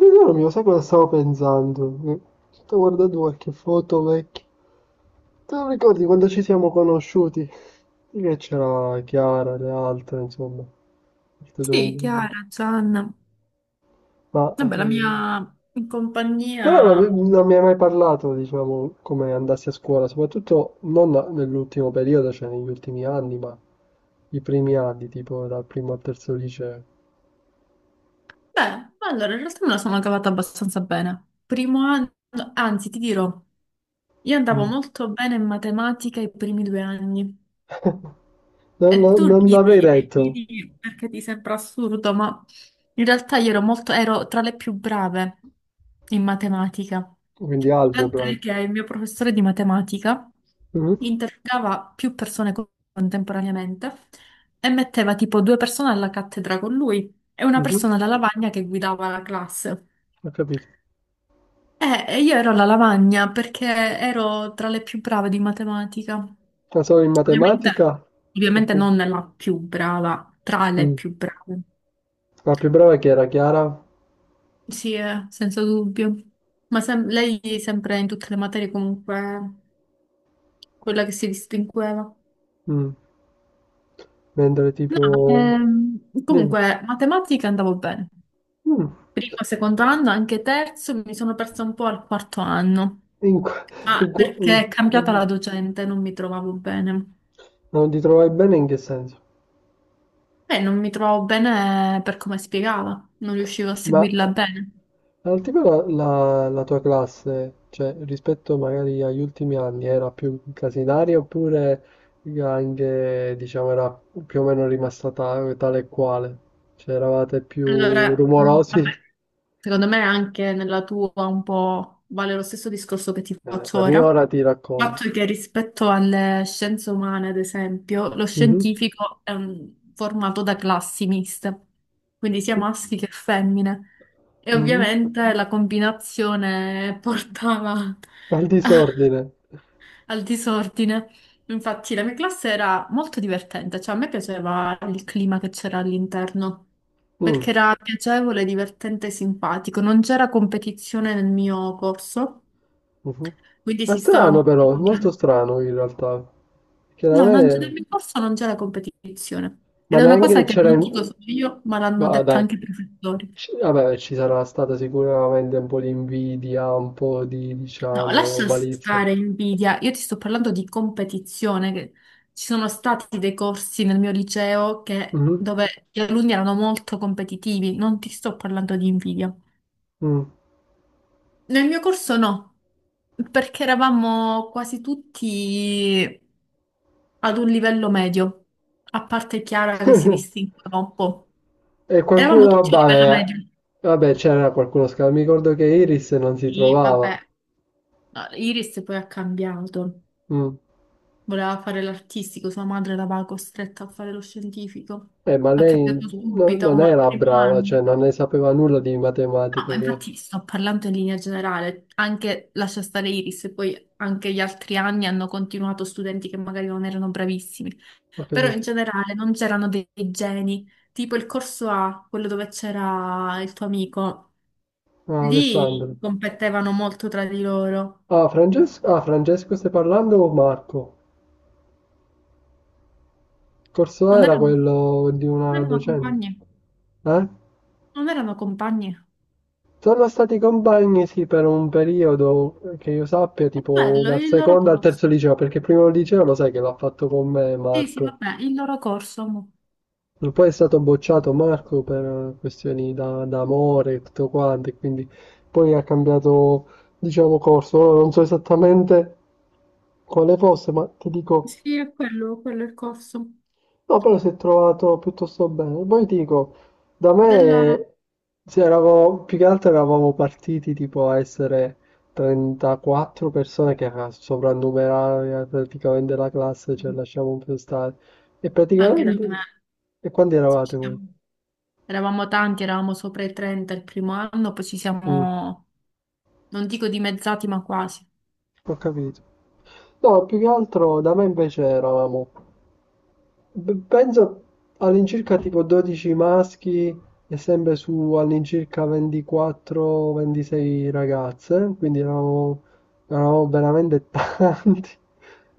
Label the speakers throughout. Speaker 1: Tesoro mio, sai cosa stavo pensando? Che sto guardando qualche foto vecchia. Te lo ricordi quando ci siamo conosciuti? Sì, che c'era Chiara, le altre, insomma. Il tuo
Speaker 2: Sì,
Speaker 1: compagno.
Speaker 2: Chiara, Gianna.
Speaker 1: Ma.
Speaker 2: Vabbè, la mia in
Speaker 1: Però
Speaker 2: compagnia.
Speaker 1: non mi hai mai parlato, diciamo, come andassi a scuola, soprattutto non nell'ultimo periodo, cioè negli ultimi anni, ma i primi anni, tipo dal primo al terzo liceo.
Speaker 2: Beh, allora, in realtà me la sono cavata abbastanza bene. Primo anno, anzi, ti dirò, io andavo
Speaker 1: Mm.
Speaker 2: molto bene in matematica i primi 2 anni. E tu
Speaker 1: Non l'avrei
Speaker 2: ridi,
Speaker 1: detto,
Speaker 2: ridi perché ti sembra assurdo, ma in realtà io ero tra le più brave in matematica.
Speaker 1: quindi algebra.
Speaker 2: Tant'è che il mio professore di matematica
Speaker 1: Mhm,
Speaker 2: interrogava più persone contemporaneamente e metteva tipo due persone alla cattedra con lui e una
Speaker 1: mhm.
Speaker 2: persona alla lavagna che guidava la classe.
Speaker 1: Ho capito.
Speaker 2: E io ero alla lavagna perché ero tra le più brave di matematica.
Speaker 1: La so in
Speaker 2: Ovviamente,
Speaker 1: matematica?
Speaker 2: ovviamente
Speaker 1: Poco.
Speaker 2: non la più brava, tra le
Speaker 1: Mm.
Speaker 2: più brave.
Speaker 1: La più brava chi era? Chiara?
Speaker 2: Sì, senza dubbio. Ma lei sempre in tutte le materie comunque quella che si distingueva.
Speaker 1: Mm. Mentre
Speaker 2: No,
Speaker 1: tipo. Dimmi.
Speaker 2: comunque, matematica andavo bene.
Speaker 1: Mm.
Speaker 2: Primo, secondo anno, anche terzo, mi sono persa un po' al quarto anno.
Speaker 1: In qua-
Speaker 2: Ah,
Speaker 1: mm.
Speaker 2: perché è cambiata
Speaker 1: Mm.
Speaker 2: la docente, non mi trovavo bene.
Speaker 1: Non ti trovavi bene in che senso?
Speaker 2: E non mi trovavo bene per come spiegava, non riuscivo a
Speaker 1: Ma
Speaker 2: seguirla bene.
Speaker 1: al tipo la tua classe, cioè rispetto magari agli ultimi anni, era più casinaria oppure anche, diciamo, era più o meno rimasta tale e quale? Cioè eravate più
Speaker 2: Allora,
Speaker 1: rumorosi?
Speaker 2: vabbè, secondo me anche nella tua un po' vale lo stesso discorso che ti faccio
Speaker 1: La
Speaker 2: ora.
Speaker 1: mia ora ti
Speaker 2: Il
Speaker 1: racconto.
Speaker 2: fatto è che rispetto alle scienze umane, ad esempio, lo
Speaker 1: Mhm.
Speaker 2: scientifico è formato da classi miste, quindi sia maschi che femmine. E
Speaker 1: Mhm.
Speaker 2: ovviamente la combinazione portava
Speaker 1: Al disordine.
Speaker 2: al disordine. Infatti la mia classe era molto divertente, cioè a me piaceva il clima che c'era all'interno,
Speaker 1: Mm.
Speaker 2: perché era piacevole, divertente e simpatico. Non c'era competizione nel mio corso,
Speaker 1: Mhm.
Speaker 2: quindi
Speaker 1: Ma
Speaker 2: si stava
Speaker 1: strano
Speaker 2: molto
Speaker 1: però, è molto
Speaker 2: bene.
Speaker 1: strano in realtà. Che da
Speaker 2: No, non c'è- nel
Speaker 1: me.
Speaker 2: mio corso non c'è la competizione.
Speaker 1: Ma
Speaker 2: Ed è una cosa
Speaker 1: neanche
Speaker 2: che
Speaker 1: c'era.
Speaker 2: non dico solo io, ma l'hanno
Speaker 1: Ma
Speaker 2: detta
Speaker 1: dai,
Speaker 2: anche i professori.
Speaker 1: vabbè, ci sarà stata sicuramente un po' di invidia, un po' di,
Speaker 2: No,
Speaker 1: diciamo,
Speaker 2: lascia
Speaker 1: malizia.
Speaker 2: stare invidia. Io ti sto parlando di competizione, che ci sono stati dei corsi nel mio liceo
Speaker 1: Mhm.
Speaker 2: dove gli alunni erano molto competitivi. Non ti sto parlando di invidia.
Speaker 1: Mm.
Speaker 2: Nel mio corso no, perché eravamo quasi tutti ad un livello medio, a parte Chiara che si distingueva un po'.
Speaker 1: E
Speaker 2: Eravamo
Speaker 1: qualcuno,
Speaker 2: tutti a livello
Speaker 1: vabbè,
Speaker 2: medio.
Speaker 1: vabbè, c'era qualcuno scappato. Mi ricordo che Iris non si
Speaker 2: Sì,
Speaker 1: trovava.
Speaker 2: vabbè. No, Iris poi ha cambiato,
Speaker 1: Mm.
Speaker 2: voleva fare l'artistico, sua madre l'aveva costretta a fare lo scientifico,
Speaker 1: Ma
Speaker 2: ha
Speaker 1: lei
Speaker 2: cambiato
Speaker 1: no-
Speaker 2: subito,
Speaker 1: non
Speaker 2: ma al
Speaker 1: era
Speaker 2: primo
Speaker 1: brava,
Speaker 2: anno.
Speaker 1: cioè non ne sapeva nulla di
Speaker 2: No,
Speaker 1: matematica,
Speaker 2: ma
Speaker 1: che.
Speaker 2: infatti sto parlando in linea generale, anche lascia stare Iris, e poi anche gli altri anni hanno continuato studenti che magari non erano bravissimi,
Speaker 1: Ho
Speaker 2: però in
Speaker 1: capito.
Speaker 2: generale non c'erano dei geni, tipo il corso A, quello dove c'era il tuo amico,
Speaker 1: Ah,
Speaker 2: lì
Speaker 1: Alessandro.
Speaker 2: competevano molto tra di loro,
Speaker 1: Ah, Francesco stai parlando o Marco? Corso A
Speaker 2: non
Speaker 1: era
Speaker 2: erano,
Speaker 1: quello di
Speaker 2: non
Speaker 1: una
Speaker 2: erano compagni.
Speaker 1: docente. Eh?
Speaker 2: Non erano compagni.
Speaker 1: Sono stati compagni, sì, per un periodo che io sappia,
Speaker 2: È
Speaker 1: tipo
Speaker 2: quello,
Speaker 1: dal
Speaker 2: il loro
Speaker 1: secondo al
Speaker 2: corso.
Speaker 1: terzo liceo, perché il primo liceo lo sai che l'ha fatto con me
Speaker 2: Sì, sì,
Speaker 1: Marco.
Speaker 2: vabbè, il loro corso. Mo.
Speaker 1: Poi è stato bocciato Marco per questioni da amore e tutto quanto, e quindi poi ha cambiato, diciamo, corso. Ora non so esattamente quale fosse, ma ti dico,
Speaker 2: Sì, è quello, quello è il corso.
Speaker 1: no, però si è trovato piuttosto bene. Poi ti dico, da
Speaker 2: Della.
Speaker 1: me, se eravamo, più che altro eravamo partiti tipo a essere 34 persone che era sovrannumerare praticamente la classe, cioè lasciamo un po' stare. E
Speaker 2: Anche da me.
Speaker 1: praticamente. E quanti
Speaker 2: Ci
Speaker 1: eravate voi?
Speaker 2: siamo- Eravamo tanti, eravamo sopra i 30 il primo anno, poi ci
Speaker 1: Mm.
Speaker 2: siamo, non dico dimezzati, ma quasi.
Speaker 1: Ho capito. No, più che altro da me invece eravamo, penso all'incirca tipo 12 maschi e sempre su all'incirca 24-26 ragazze, quindi eravamo veramente tanti.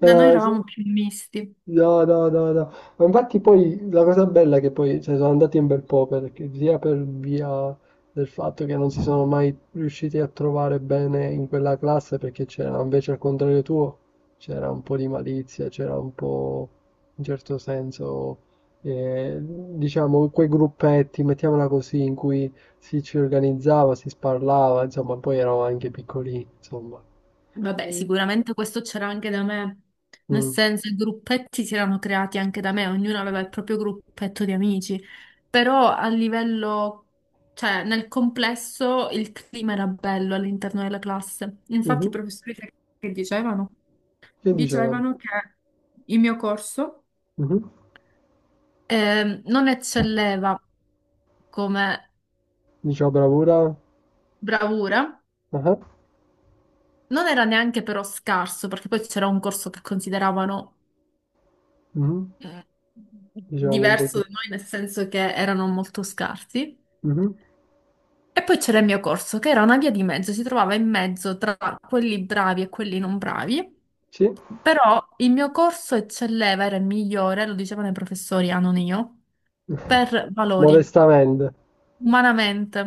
Speaker 2: Da noi eravamo più misti.
Speaker 1: No, no, no, no. Ma infatti poi la cosa bella è che poi cioè, sono andati un bel po' perché sia per via del fatto che non si sono mai riusciti a trovare bene in quella classe perché c'era invece al contrario tuo c'era un po' di malizia, c'era un po' in certo senso diciamo quei gruppetti, mettiamola così, in cui si ci organizzava, si sparlava, insomma, poi eravamo anche piccolini, insomma.
Speaker 2: Vabbè,
Speaker 1: E-
Speaker 2: sicuramente questo c'era anche da me, nel
Speaker 1: mm,
Speaker 2: senso i gruppetti si erano creati anche da me, ognuno aveva il proprio gruppetto di amici, però a livello, cioè nel complesso il clima era bello all'interno della classe.
Speaker 1: mhm.
Speaker 2: Infatti i professori che dicevano?
Speaker 1: Che dicevano?
Speaker 2: Dicevano che il mio corso
Speaker 1: Mhm.
Speaker 2: non eccelleva come
Speaker 1: Diceva bravura?
Speaker 2: bravura,
Speaker 1: Ah,
Speaker 2: non era neanche però scarso, perché poi c'era un corso che consideravano
Speaker 1: mh,
Speaker 2: eh,
Speaker 1: diciamo un
Speaker 2: diverso
Speaker 1: pochino.
Speaker 2: da noi, nel senso che erano molto scarsi.
Speaker 1: Mh-mh,
Speaker 2: E poi c'era il mio corso, che era una via di mezzo, si trovava in mezzo tra quelli bravi e quelli non bravi.
Speaker 1: sì.
Speaker 2: Però il mio corso eccelleva, era il migliore, lo dicevano i professori, ah, non io, per valori,
Speaker 1: Modestamente,
Speaker 2: umanamente.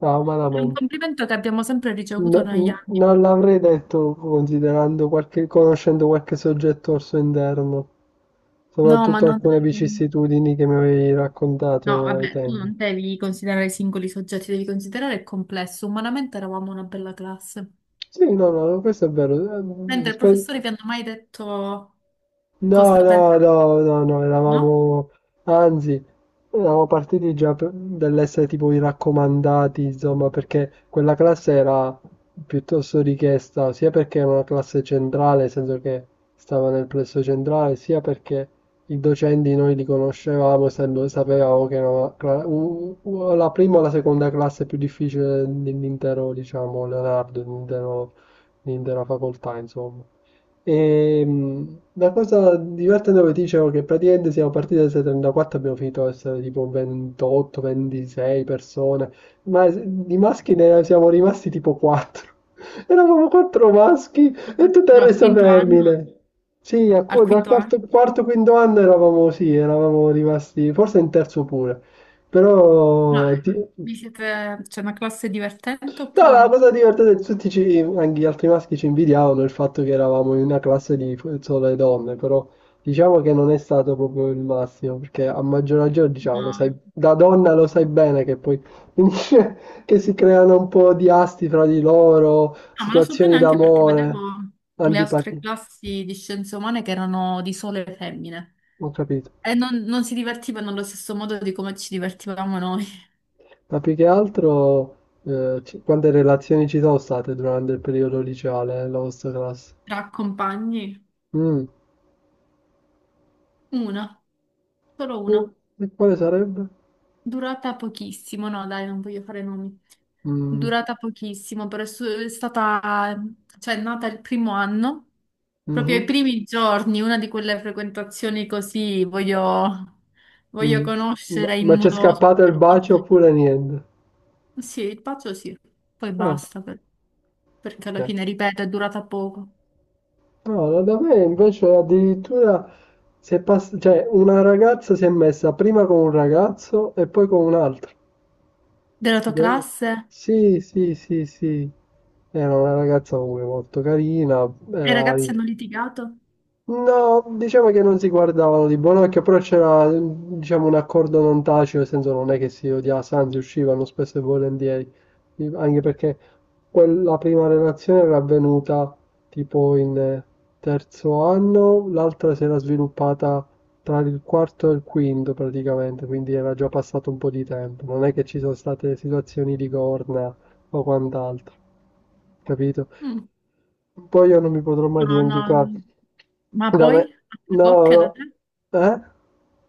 Speaker 1: ah,
Speaker 2: È un
Speaker 1: umanamente.
Speaker 2: complimento che abbiamo sempre ricevuto negli anni.
Speaker 1: Non l'avrei detto conoscendo qualche soggetto al suo interno,
Speaker 2: No, ma
Speaker 1: soprattutto
Speaker 2: non.
Speaker 1: alcune vicissitudini che mi avevi
Speaker 2: No,
Speaker 1: raccontato ai
Speaker 2: vabbè, tu
Speaker 1: tempi.
Speaker 2: non devi considerare i singoli soggetti, devi considerare il complesso. Umanamente eravamo una bella classe.
Speaker 1: Sì, no, no, no, questo è vero. Eh,
Speaker 2: Mentre il
Speaker 1: rispe-
Speaker 2: professore vi hanno mai detto
Speaker 1: No,
Speaker 2: cosa
Speaker 1: no,
Speaker 2: pensate,
Speaker 1: no, no, no,
Speaker 2: no?
Speaker 1: eravamo, anzi, eravamo partiti già dall'essere tipo i raccomandati, insomma, perché quella classe era piuttosto richiesta, sia perché era una classe centrale, nel senso che stava nel plesso centrale, sia perché i docenti noi li conoscevamo, sapevamo che era una cla- u- u- la prima o la seconda classe più difficile dell'intero, diciamo, Leonardo, dell'intera facoltà, insomma. E, la cosa divertente che ti dicevo è che praticamente siamo partiti da 34, abbiamo finito a essere tipo 28, 26 persone, ma di maschi ne siamo rimasti tipo 4. Eravamo 4 maschi e tutto il
Speaker 2: Però al
Speaker 1: resto
Speaker 2: quinto anno,
Speaker 1: femmine. Sì,
Speaker 2: al
Speaker 1: dal
Speaker 2: quinto
Speaker 1: quarto,
Speaker 2: anno,
Speaker 1: quarto, quinto anno eravamo, sì, eravamo rimasti, forse in terzo pure.
Speaker 2: no,
Speaker 1: però ti-
Speaker 2: c'è una classe divertente
Speaker 1: No, ma
Speaker 2: oppure
Speaker 1: la
Speaker 2: no?
Speaker 1: cosa divertente, tutti ci, anche gli altri maschi ci invidiavano il fatto che eravamo in una classe di sole donne, però diciamo che non è stato proprio il massimo, perché a maggior ragione, diciamo, lo sai,
Speaker 2: No,
Speaker 1: da donna lo sai bene che poi finisce che si creano un po' di asti fra di loro,
Speaker 2: no, ma lo so
Speaker 1: situazioni
Speaker 2: bene anche perché
Speaker 1: d'amore,
Speaker 2: vedevo le altre
Speaker 1: antipatie.
Speaker 2: classi di scienze umane che erano di sole femmine
Speaker 1: Ho capito.
Speaker 2: e non si divertivano allo stesso modo di come ci divertivamo noi,
Speaker 1: Ma più che altro, quante relazioni ci sono state durante il periodo liceale, la vostra classe?
Speaker 2: tra compagni.
Speaker 1: Mm.
Speaker 2: Una, solo
Speaker 1: Mm.
Speaker 2: una,
Speaker 1: E quale sarebbe?
Speaker 2: durata pochissimo, no, dai, non voglio fare nomi.
Speaker 1: Mm.
Speaker 2: Durata pochissimo, però è stata, cioè, è nata il primo anno, proprio
Speaker 1: Mh-mh,
Speaker 2: ai primi giorni, una di quelle frequentazioni così voglio
Speaker 1: mh. Ma
Speaker 2: conoscere in
Speaker 1: ma c'è
Speaker 2: modo
Speaker 1: scappato il bacio
Speaker 2: superficiale.
Speaker 1: oppure niente?
Speaker 2: Sì, il pazzo sì, poi
Speaker 1: Ah,
Speaker 2: basta, perché alla
Speaker 1: okay.
Speaker 2: fine, ripeto, è durata poco.
Speaker 1: No, no, da me invece addirittura si è pass cioè una ragazza si è messa prima con un ragazzo e poi con un altro.
Speaker 2: Della tua
Speaker 1: De
Speaker 2: classe?
Speaker 1: Sì, sì, sì, sì. Era una ragazza comunque molto carina,
Speaker 2: E i
Speaker 1: era
Speaker 2: ragazzi hanno litigato?
Speaker 1: No, diciamo che non si guardavano di buon occhio, però c'era, diciamo, un accordo non tacito, nel senso non è che si odiasse, anzi uscivano spesso e volentieri, anche perché quella prima relazione era avvenuta tipo in terzo anno, l'altra si era sviluppata tra il quarto e il quinto praticamente, quindi era già passato un po' di tempo, non è che ci sono state situazioni di corna o quant'altro capito?
Speaker 2: Mm.
Speaker 1: Poi io non mi potrò mai
Speaker 2: No, no.
Speaker 1: dimenticare.
Speaker 2: Mm. Ma
Speaker 1: Da
Speaker 2: poi?
Speaker 1: me,
Speaker 2: Altre
Speaker 1: no,
Speaker 2: coppie
Speaker 1: no,
Speaker 2: da te?
Speaker 1: eh?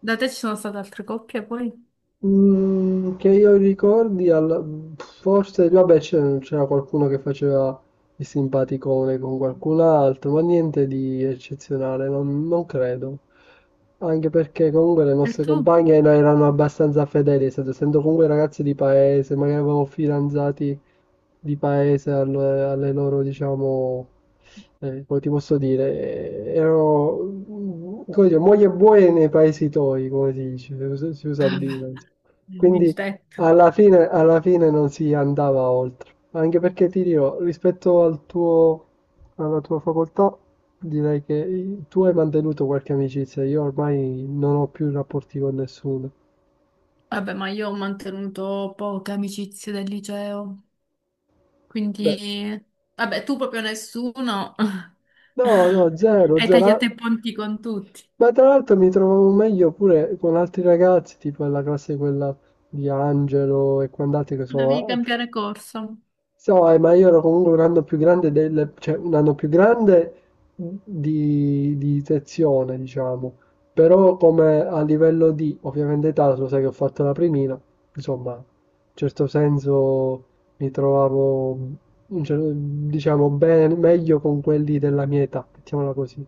Speaker 2: Da te ci sono state altre coppie poi?
Speaker 1: Mm, che io ricordi, forse, vabbè, c'era qualcuno che faceva il simpaticone con qualcun altro, ma niente di eccezionale, non credo. Anche perché comunque le
Speaker 2: E
Speaker 1: nostre
Speaker 2: tu?
Speaker 1: compagne erano abbastanza fedeli, essendo comunque ragazze di paese, magari avevamo fidanzati di paese, alle loro, diciamo, come ti posso dire, erano, come dire, moglie e buoi nei paesi toi, come si dice, si usa a
Speaker 2: Vabbè,
Speaker 1: dire, insomma.
Speaker 2: il
Speaker 1: Quindi
Speaker 2: tetto.
Speaker 1: alla fine non si andava oltre, anche perché ti dirò, rispetto al tuo, alla tua facoltà, direi che tu hai mantenuto qualche amicizia, io ormai non ho più rapporti con nessuno.
Speaker 2: Vabbè, ma io ho mantenuto poche amicizie del liceo,
Speaker 1: Beh,
Speaker 2: quindi. Vabbè, tu proprio nessuno.
Speaker 1: no, no, zero,
Speaker 2: Hai
Speaker 1: zero.
Speaker 2: tagliato i ponti con tutti.
Speaker 1: Ma tra l'altro mi trovavo meglio pure con altri ragazzi, tipo la classe quella di Angelo e quant'altri che
Speaker 2: Dovevi
Speaker 1: sono.
Speaker 2: cambiare corso.
Speaker 1: So, ma io ero comunque un anno più grande del. Cioè un anno più grande di sezione, diciamo. Però come a livello di, ovviamente età, lo sai che ho fatto la primina, insomma, in certo senso mi trovavo, diciamo, bene, meglio con quelli della mia età, mettiamola così,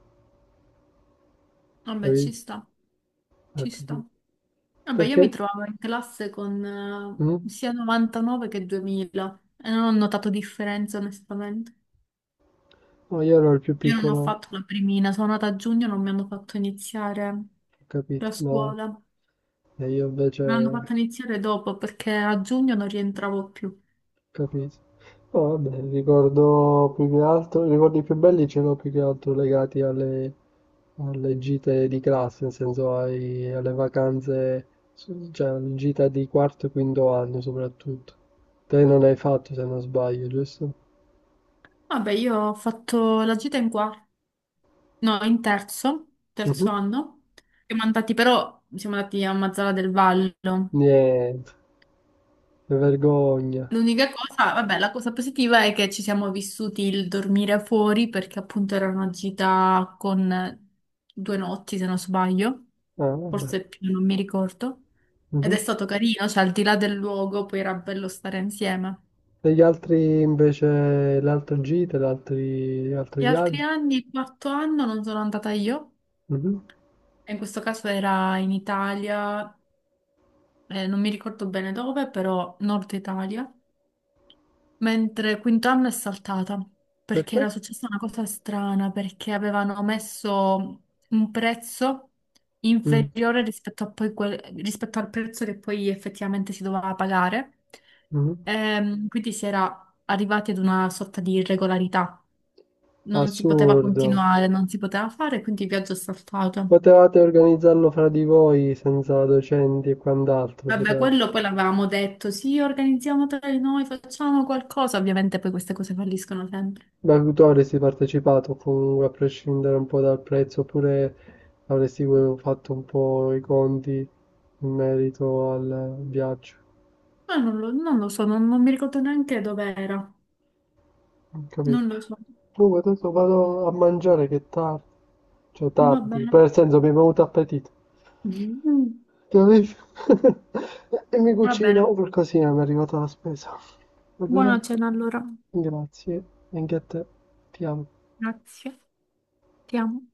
Speaker 2: Vabbè, ci
Speaker 1: capito?
Speaker 2: sta,
Speaker 1: Eh,
Speaker 2: ci sta.
Speaker 1: Perché
Speaker 2: Vabbè, io mi
Speaker 1: perché
Speaker 2: trovavo in classe con
Speaker 1: mh?
Speaker 2: sia 99 che 2000 e non ho notato differenza, onestamente.
Speaker 1: No, io ero il più
Speaker 2: Io non ho
Speaker 1: piccolo, ho
Speaker 2: fatto la primina, sono nata a giugno, non mi hanno fatto iniziare
Speaker 1: capito,
Speaker 2: la
Speaker 1: no,
Speaker 2: scuola.
Speaker 1: e io invece
Speaker 2: Mi hanno fatto
Speaker 1: ho
Speaker 2: iniziare dopo perché a giugno non rientravo più.
Speaker 1: capito. No, vabbè, ricordo più che altro, i ricordi più belli ce l'ho più che altro legati alle gite di classe, nel senso alle vacanze, cioè alle gite di quarto e quinto anno soprattutto. Te non hai fatto se non sbaglio, giusto?
Speaker 2: Vabbè, io ho fatto la gita in quarto, no, in terzo, terzo
Speaker 1: Mhm.
Speaker 2: anno. Siamo andati però, siamo andati a Mazzara del Vallo.
Speaker 1: Niente, che vergogna.
Speaker 2: L'unica cosa, vabbè, la cosa positiva è che ci siamo vissuti il dormire fuori perché appunto era una gita con 2 notti, se non sbaglio,
Speaker 1: Ah,
Speaker 2: forse
Speaker 1: vabbè.
Speaker 2: più, non mi ricordo. Ed è
Speaker 1: Mhm.
Speaker 2: stato carino, cioè al di là del luogo poi era bello stare insieme.
Speaker 1: E gli altri invece, le altre gite, gli altri
Speaker 2: Gli altri
Speaker 1: viaggi?
Speaker 2: anni, il quarto anno, non sono andata io.
Speaker 1: Mhm.
Speaker 2: E in questo caso era in Italia, non mi ricordo bene dove, però Nord Italia, mentre quintanno è saltata perché
Speaker 1: Perché?
Speaker 2: era successa una cosa strana, perché avevano messo un prezzo
Speaker 1: Mm.
Speaker 2: inferiore rispetto a poi rispetto al prezzo che poi effettivamente si doveva pagare.
Speaker 1: Mhm.
Speaker 2: Quindi si era arrivati ad una sorta di irregolarità, non si poteva
Speaker 1: Assurdo.
Speaker 2: continuare, non si poteva fare, quindi il viaggio è saltato.
Speaker 1: Potevate organizzarlo fra di voi senza docenti e quant'altro.
Speaker 2: Vabbè,
Speaker 1: Potevate.
Speaker 2: quello poi l'avevamo detto, sì, organizziamo tra di noi, facciamo qualcosa. Ovviamente poi queste cose falliscono sempre.
Speaker 1: Ma avresti partecipato comunque a prescindere un po' dal prezzo, oppure avresti fatto un po' i conti in merito al viaggio.
Speaker 2: Ma non lo so, non mi ricordo neanche dove era.
Speaker 1: Ho capito?
Speaker 2: Non lo so.
Speaker 1: Comunque adesso vado a mangiare che è tardi, cioè
Speaker 2: Va
Speaker 1: tardi,
Speaker 2: bene.
Speaker 1: per senso mi è venuto appetito. Chiarissimo. E mi
Speaker 2: Va bene.
Speaker 1: cucino per così mi è arrivata la spesa. Va bene?
Speaker 2: Buona cena allora.
Speaker 1: Grazie. Anche a te. Ti amo.
Speaker 2: Grazie. Ti amo.